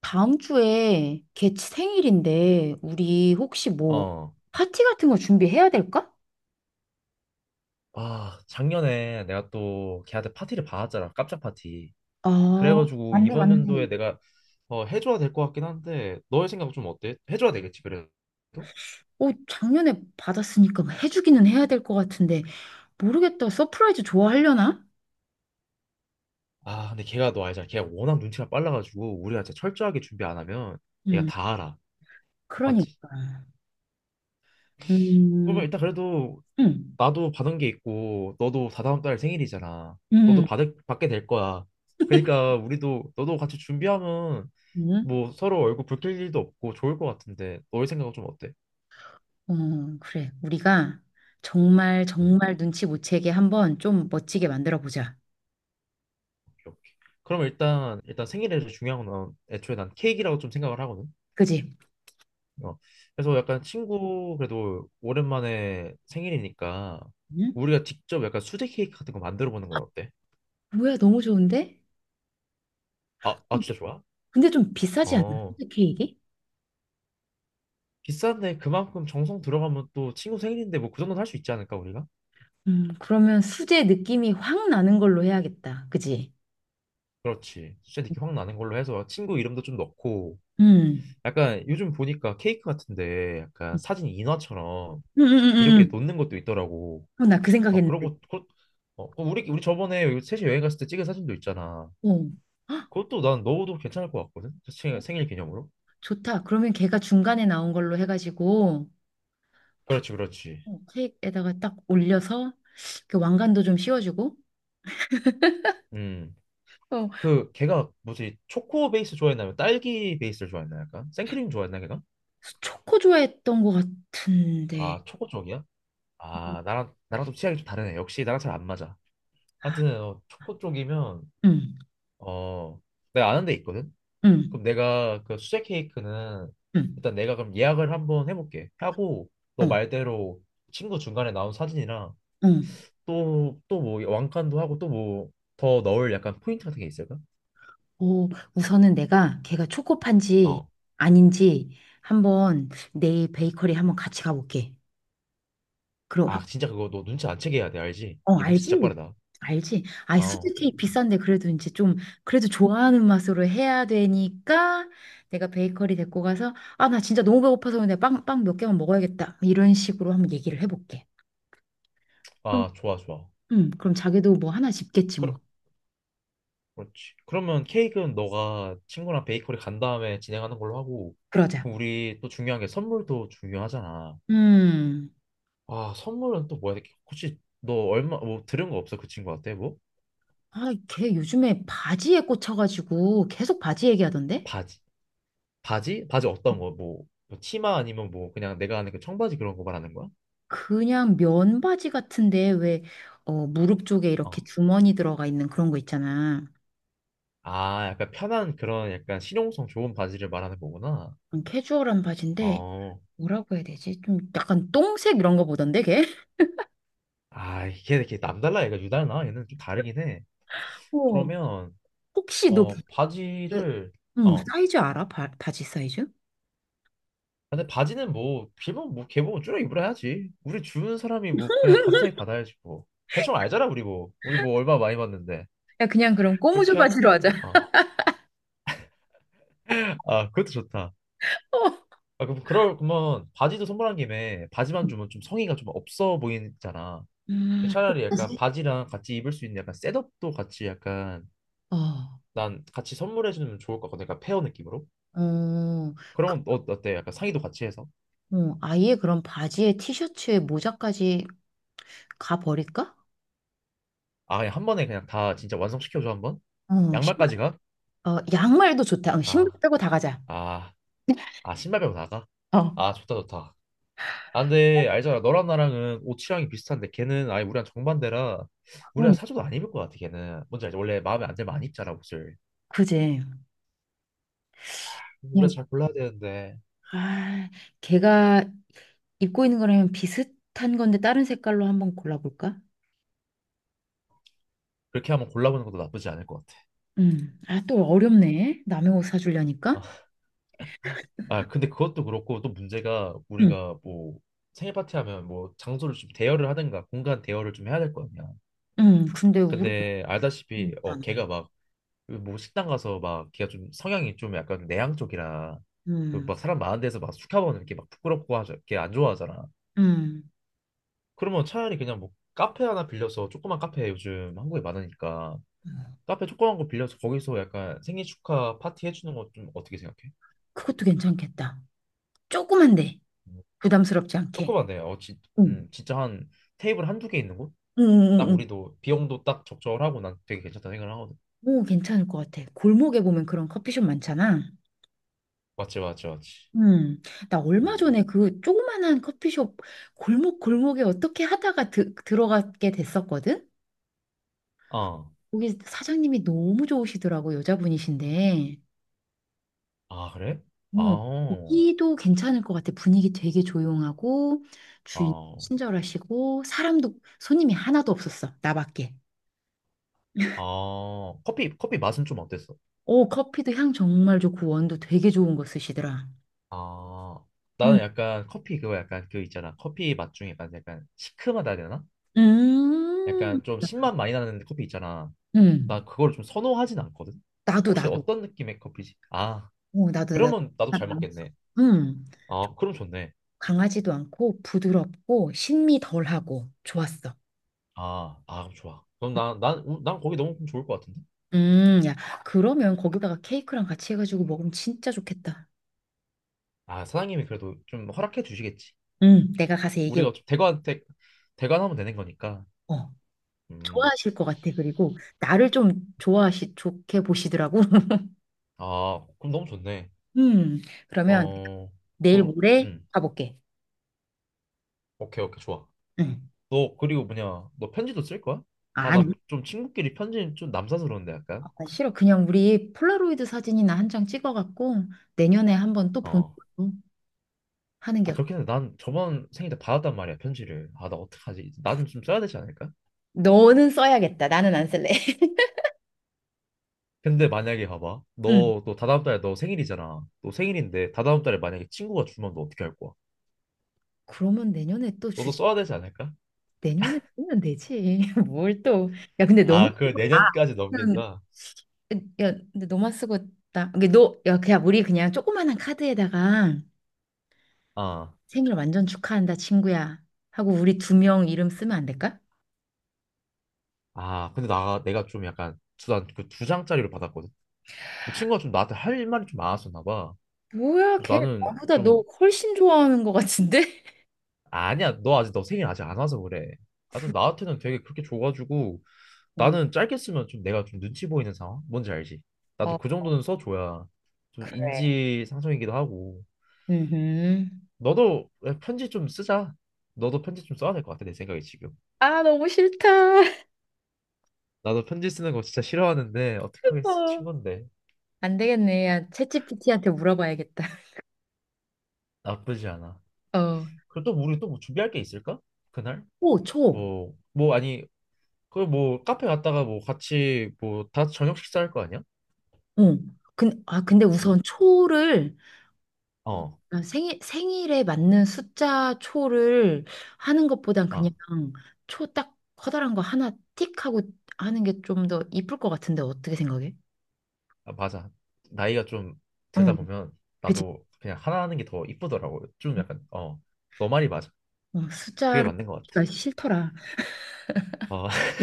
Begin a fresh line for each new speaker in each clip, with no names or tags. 다음 주에 걔 생일인데 우리 혹시 뭐
어.
파티 같은 거 준비해야 될까?
아, 작년에 내가 또 걔한테 파티를 받았잖아. 깜짝 파티.
아,
그래가지고
맞네,
이번
맞네.
연도에 내가 해줘야 될 것 같긴 한데 너의 생각은 좀 어때? 해줘야 되겠지, 그래도?
어, 작년에 받았으니까 뭐 해주기는 해야 될 것 같은데 모르겠다. 서프라이즈 좋아하려나?
아, 근데 걔가 너 알잖아. 걔가 워낙 눈치가 빨라가지고 우리가 진짜 철저하게 준비 안 하면 얘가
음,
다 알아. 맞지?
그러니까. 음,
그러면 일단 그래도
음,
나도 받은 게 있고 너도 다다음 달 생일이잖아. 너도
음,
받게 될 거야. 그러니까 우리도 너도 같이 준비하면
음,
뭐 서로 얼굴 붉힐 일도 없고 좋을 것 같은데 너의 생각은 좀 어때?
어, 그래. 우리가 정말
음,
정말 눈치 못 채게 한번 좀 멋지게 만들어 보자.
오케이, 오케이. 그럼 일단 생일에서 중요한 건 애초에 난 케이크라고 좀 생각을 하거든.
그지?
어. 그래서 약간 친구 그래도 오랜만에 생일이니까
응?
우리가 직접 약간 수제 케이크 같은 거 만들어 보는 건 어때?
뭐야, 너무 좋은데?
아 진짜 좋아?
근데 좀 비싸지 않나?
어.
케이크?
비싼데 그만큼 정성 들어가면 또 친구 생일인데 뭐 그 정도는 할 수 있지 않을까 우리가?
그러면 수제 느낌이 확 나는 걸로 해야겠다. 그지?
그렇지. 수제 느낌 확 나는 걸로 해서 친구 이름도 좀 넣고
음.
약간 요즘 보니까 케이크 같은데 약간 사진 인화처럼 이렇게
음.
놓는 것도 있더라고.
어, 나 그
아
생각했는데.
그러고 그 우리 저번에 여기 셋이 여행 갔을 때 찍은 사진도 있잖아.
어. 헉,
그것도 난 넣어도 괜찮을 것 같거든.
어,
생일 기념으로.
좋다. 그러면 걔가 중간에 나온 걸로 해가지고 쿡,
그렇지, 그렇지.
어, 케이크에다가 딱 올려서 그 왕관도 좀 씌워주고.
음.
어,
그 걔가 뭐지? 초코 베이스 좋아했나요? 딸기 베이스를 좋아했나 약간? 생크림 좋아했나 걔가?
초코 좋아했던 것 같은데.
아, 초코 쪽이야? 아, 나랑 좀 취향이 좀 다르네. 역시 나랑 잘 안 맞아.
아,
하여튼 초코 쪽이면
음,
어, 내가 아는 데 있거든.
음,
그럼 내가 그 수제 케이크는
음,
일단 내가 그럼 예약을 한번 해볼게. 하고
어,
너 말대로 친구 중간에 나온 사진이랑
음.
또 뭐 왕관도 하고 또 뭐 더 넣을 약간 포인트 같은 게 있을까?
오, 우선은 내가 걔가 초코파인지
어.
아닌지 한번 내일 베이커리 한번 같이 가볼게. 그럼
아
확,
진짜 그거 너 눈치 안 채게 해야 돼, 알지?
어,
걔 눈치 진짜
알지?
빠르다.
알지? 아,
어.
수제 케이크 비싼데 그래도 이제 좀 그래도 좋아하는 맛으로 해야 되니까 내가 베이커리 데리고 가서 아, 나 진짜 너무 배고파서 내가 빵 몇 개만 먹어야겠다. 이런 식으로 한번 얘기를 해볼게. 그럼,
아 좋아 좋아.
그럼 자기도 뭐 하나 집겠지
그럼
뭐.
그렇지. 그러면 케이크는 너가 친구랑 베이커리 간 다음에 진행하는 걸로 하고,
그러자.
그럼 우리 또 중요한 게 선물도 중요하잖아.
음.
아, 선물은 또 뭐야? 혹시 너 얼마 뭐 들은 거 없어? 그 친구한테 뭐?
아, 걔 요즘에 바지에 꽂혀가지고 계속 바지 얘기하던데?
바지. 바지? 바지 어떤 거? 뭐 치마 아니면 뭐 그냥 내가 아는 그 청바지 그런 거 말하는 거야?
그냥 면 바지 같은데 왜 어, 무릎 쪽에 이렇게
어.
주머니 들어가 있는 그런 거 있잖아.
아, 약간 편한 그런 약간 실용성 좋은 바지를 말하는 거구나.
캐주얼한 바지인데
어.
뭐라고 해야 되지? 좀 약간 똥색 이런 거 보던데 걔?
아, 이게 이렇게 남달라, 얘가 유달라, 얘는 좀 다르긴 해.
어.
그러면
혹시 너 그,
바지를.
뭐
어.
사이즈 알아? 바지 사이즈?
근데 바지는 뭐 길면 뭐 개봉 줄여 입으라야지. 우리 주는 사람이 뭐 그냥 감사히 받아야지 뭐. 대충 알잖아 우리 뭐. 우리 뭐 얼마 많이 받는데.
야 그냥 그럼 꼬무조
그렇게 하는
바지로
걸로.
하자.
아, 그것도 좋다.
어.
아, 그럼 그럴 거면 바지도 선물한 김에 바지만 주면 좀 성의가 좀 없어 보이잖아.
음,
차라리 약간
바지?
바지랑 같이 입을 수 있는 약간 셋업도 같이 약간
어.
난 같이 선물해 주면 좋을 것 같거든. 약간 페어 느낌으로.
어, 그,
그럼 어, 어때? 약간 상의도 같이 해서.
아예 그럼 바지에 티셔츠에 모자까지 가 버릴까?
아, 그냥 한 번에 그냥 다 진짜 완성시켜 줘 한번.
어, 신발,
양말까지 가?
어, 양말도 좋다. 어, 신발
아,
빼고 다 가자.
아, 아 신발 빼고 나가?
어,
아, 좋다 좋다. 아, 근데 알잖아. 너랑 나랑은 옷 취향이 비슷한데 걔는 아예 우리랑 정반대라 우리랑
그러니
사줘도 안 입을 것 같아, 걔는. 뭔지 알지? 원래 마음에 안 들면 안 입잖아, 옷을.
그지.
우리가
그냥
잘 골라야 되는데
아, 걔가 입고 있는 거랑 비슷한 건데 다른 색깔로 한번 골라볼까?
그렇게 한번 골라보는 것도 나쁘지 않을 것 같아.
음. 아, 또 어렵네. 남의 옷 사주려니까.
아, 근데 그것도 그렇고 또 문제가,
음.
우리가 뭐 생일 파티 하면 뭐 장소를 좀 대여를 하든가 공간 대여를 좀 해야 될 거 아니야.
음. 근데 우리
근데 알다시피
없잖아.
걔가 막 뭐 식당 가서 막, 걔가 좀 성향이 좀 약간 내향 쪽이라 그
음.
막 사람 많은 데서 막 축하보는 이렇게 막 부끄럽고 하죠. 걔안 좋아하잖아.
음.
그러면 차라리 그냥 뭐 카페 하나 빌려서, 조그만 카페 요즘 한국에 많으니까 카페 조그만 거 빌려서 거기서 약간 생일 축하 파티 해주는 거 좀 어떻게 생각해?
그것도 괜찮겠다. 조그만데
음,
부담스럽지 않게.
조그만데
응.
진짜 한 테이블 한 두 개 있는 곳?
응, 응, 응.
딱
응.
우리도 비용도 딱 적절하고 난 되게 괜찮다 생각을 하거든.
오, 괜찮을 것 같아. 골목에 보면 그런 커피숍 많잖아.
맞지 맞지 맞지.
음. 나 얼마
음.
전에 그 조그만한 커피숍 골목 골목에 어떻게 하다가 들어가게 됐었거든.
어.
거기 사장님이 너무 좋으시더라고, 여자분이신데.
아 그래?
어,
아,
거기도 괜찮을 것 같아. 분위기 되게 조용하고, 주인
아
친절하시고, 사람도, 손님이 하나도 없었어. 나밖에.
아, 어. 커피 맛은 좀 어땠어?
오, 커피도 향 정말 좋고, 원두 되게 좋은 거 쓰시더라.
아,
응,
나는 약간 커피 그거 약간 그 있잖아, 커피 맛 중에 약간 시큼하다 해야 되나?
음,
약간 좀 신맛 많이 나는 커피 있잖아.
음.
나 그걸 좀 선호하진 않거든.
나도,
혹시
나도.
어떤 느낌의 커피지? 아,
어, 나도, 나도.
그러면 나도 잘 맞겠네.
음,
아, 그럼 좋네.
강하지도 않고, 부드럽고, 신미 덜하고, 좋았어.
아, 그럼 좋아. 그럼 난 거기 너무 좋을 것 같은데?
야, 그러면 거기다가 케이크랑 같이 해가지고 먹으면 진짜 좋겠다.
아, 사장님이 그래도 좀 허락해 주시겠지.
응, 내가 가서 얘기해.
우리가 좀 대관하면 되는 거니까.
어.
음,
좋아하실 것 같아. 그리고 나를 좀 좋게 보시더라고.
아, 그럼 너무 좋네.
음, 그러면
어,
내일
그럼,
모레 가볼게.
오케이, 오케이, 좋아.
응.
너, 그리고 뭐냐, 너 편지도 쓸 거야? 아, 난
아니,
좀 친구끼리 편지는 좀 남사스러운데,
아,
약간.
싫어. 그냥 우리 폴라로이드 사진이나 한 장 찍어갖고 내년에 한번 또 보는
어.
걸로 하는 게
아
어때?
그렇긴 한데 난 저번 생일 때 받았단 말이야, 편지를. 아 나 어떡하지. 나 좀 써야 되지 않을까?
너는 써야겠다. 나는 안 쓸래.
근데 만약에 봐봐,
응.
너 또 다다음 달에 너 생일이잖아. 너 생일인데 다다음 달에 만약에 친구가 주면 너 어떻게 할 거야?
그러면 내년에 또
너도
주제,
써야 되지 않을까?
내년에 쓰면 되지. 뭘 또. 야, 근데 너무
아 그걸
쓰고 나
내년까지 넘긴다.
야, 근데 너만 쓰고 나, 이게 너, 야, 그냥 우리 그냥 조그만한 카드에다가
아,
생일 완전 축하한다, 친구야. 하고 우리 두 명 이름 쓰면 안 될까?
근데 나 내가 좀 약간, 난그두 장짜리를 받았거든. 그 친구가 좀 나한테 할 말이 좀 많았었나 봐.
뭐야,
그래서
걔
나는
나보다 너
좀.
훨씬 좋아하는 것 같은데?
아, 아니야, 너 생일 아직 안 와서 그래. 하여튼 나한테는 되게 그렇게 줘가지고,
음.
나는 짧게 쓰면 좀 내가 좀 눈치 보이는 상황? 뭔지 알지? 나도
어,
그 정도는 써줘야, 좀
그래.
인지상정이기도 하고.
음.
너도 편지 좀 쓰자. 너도 편지 좀 써야 될 것 같아, 내 생각에 지금.
아, 너무 싫다.
나도 편지 쓰는 거 진짜 싫어하는데 어떡하겠어,
어.
친건데.
안 되겠네. 야, 챗피티한테 물어봐야겠다.
나쁘지 않아.
어.
그리고 또 우리 또뭐 준비할 게 있을까? 그날?
초, 초.
뭐 아니, 그 뭐 카페 갔다가 뭐 같이 뭐 다 저녁 식사할 거 아니야?
어. 근, 아, 근데
음.
우선 초를 어,
어,
난 생일에 맞는 숫자 초를 하는 것보단 그냥
아.
초 딱 커다란 거 하나 틱 하고 하는 게 좀 더 이쁠 것 같은데 어떻게 생각해?
아, 맞아. 나이가 좀
어,
들다 보면
그치.
나도 그냥 하나 하는 게 더 이쁘더라고. 좀 약간 어, 너 말이 맞아.
어,
그게
숫자가
맞는 것 같아.
싫더라.
아,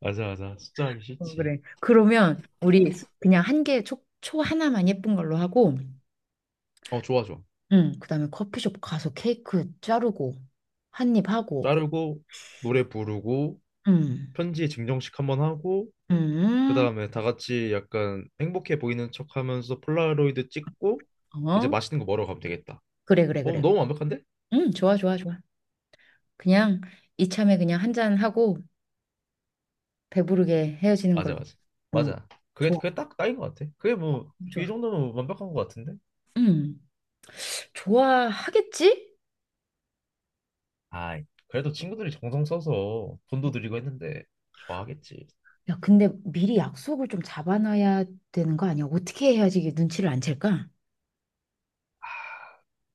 맞아, 맞아. 숫자 하기
어,
싫지.
그래. 그러면 그냥 한 개, 초 하나만 예쁜 걸로 하고,
어, 좋아, 좋아.
응, 그다음에 커피숍 가서 케이크 자르고, 한입 하고,
자르고, 노래 부르고,
응,
편지 증정식 한번 하고, 그
응,
다음에 다 같이 약간 행복해 보이는 척 하면서 폴라로이드 찍고, 이제
어,
맛있는 거 먹으러 가면 되겠다.
그래, 그래,
어,
그래.
너무 완벽한데?
응, 좋아, 좋아, 좋아. 그냥 이참에 그냥 한 잔하고 배부르게 헤어지는
맞아,
걸로.
맞아.
어,
맞아. 그게
좋아,
그게 딱 딱인 것 같아. 그게 뭐 이
좋아.
정도면 완벽한 것 같은데?
음, 좋아하겠지?
아이, 그래도 친구들이 정성 써서 돈도 드리고 했는데 좋아하겠지.
야, 근데 미리 약속을 좀 잡아놔야 되는 거 아니야? 어떻게 해야지 이게 눈치를 안 챌까?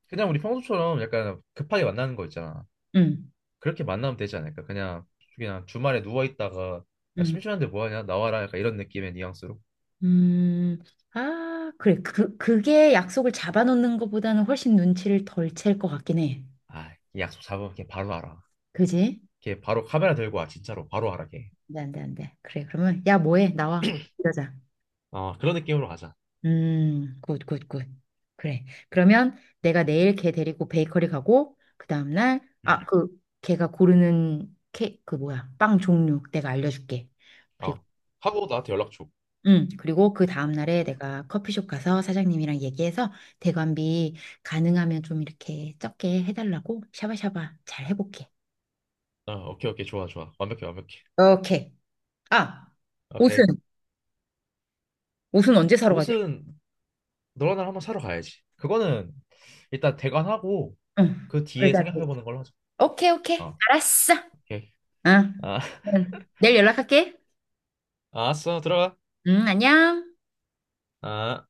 그냥 우리 평소처럼 약간 급하게 만나는 거 있잖아.
응,
그렇게 만나면 되지 않을까? 그냥 주말에 누워 있다가, 아,
응,
심심한데 뭐 하냐? 나와라. 약간 이런 느낌의 뉘앙스로.
음. 아, 그래. 그게 약속을 잡아놓는 것보다는 훨씬 눈치를 덜 챌 것 같긴 해.
아, 이 약속 잡으면 걔 바로 알아.
그지?
걔 바로 카메라 들고 와. 진짜로 바로 알아 걔.
안 돼, 안 돼, 안 돼. 그래, 그러면, 야, 뭐해? 나와. 이러자.
어, 그런 느낌으로 가자.
굿, 굿, 굿. 그래. 그러면 내가 내일 걔 데리고 베이커리 가고, 그 다음날,
응.
아, 그, 걔가 고르는 케, 그 뭐야, 빵 종류 내가 알려줄게. 그리고,
어. 하고 나한테 연락 줘.
그리고 그 다음날에 내가 커피숍 가서 사장님이랑 얘기해서 대관비 가능하면 좀 이렇게 적게 해달라고 샤바샤바 잘 해볼게.
어, 오케이 오케이 좋아 좋아. 완벽해 완벽해.
오케이. 아, 옷은,
오케이.
옷은 언제 사러 가지?
옷은 너랑 나랑 한번 사러 가야지. 그거는 일단 대관하고
응.
그 뒤에
그러자, 그러자.
생각해보는 걸로 하자.
오케이, 오케이.
어,
알았어.
오케이.
응.
아,
응. 내일 연락할게.
알았어, 들어가.
응, 안녕.
아.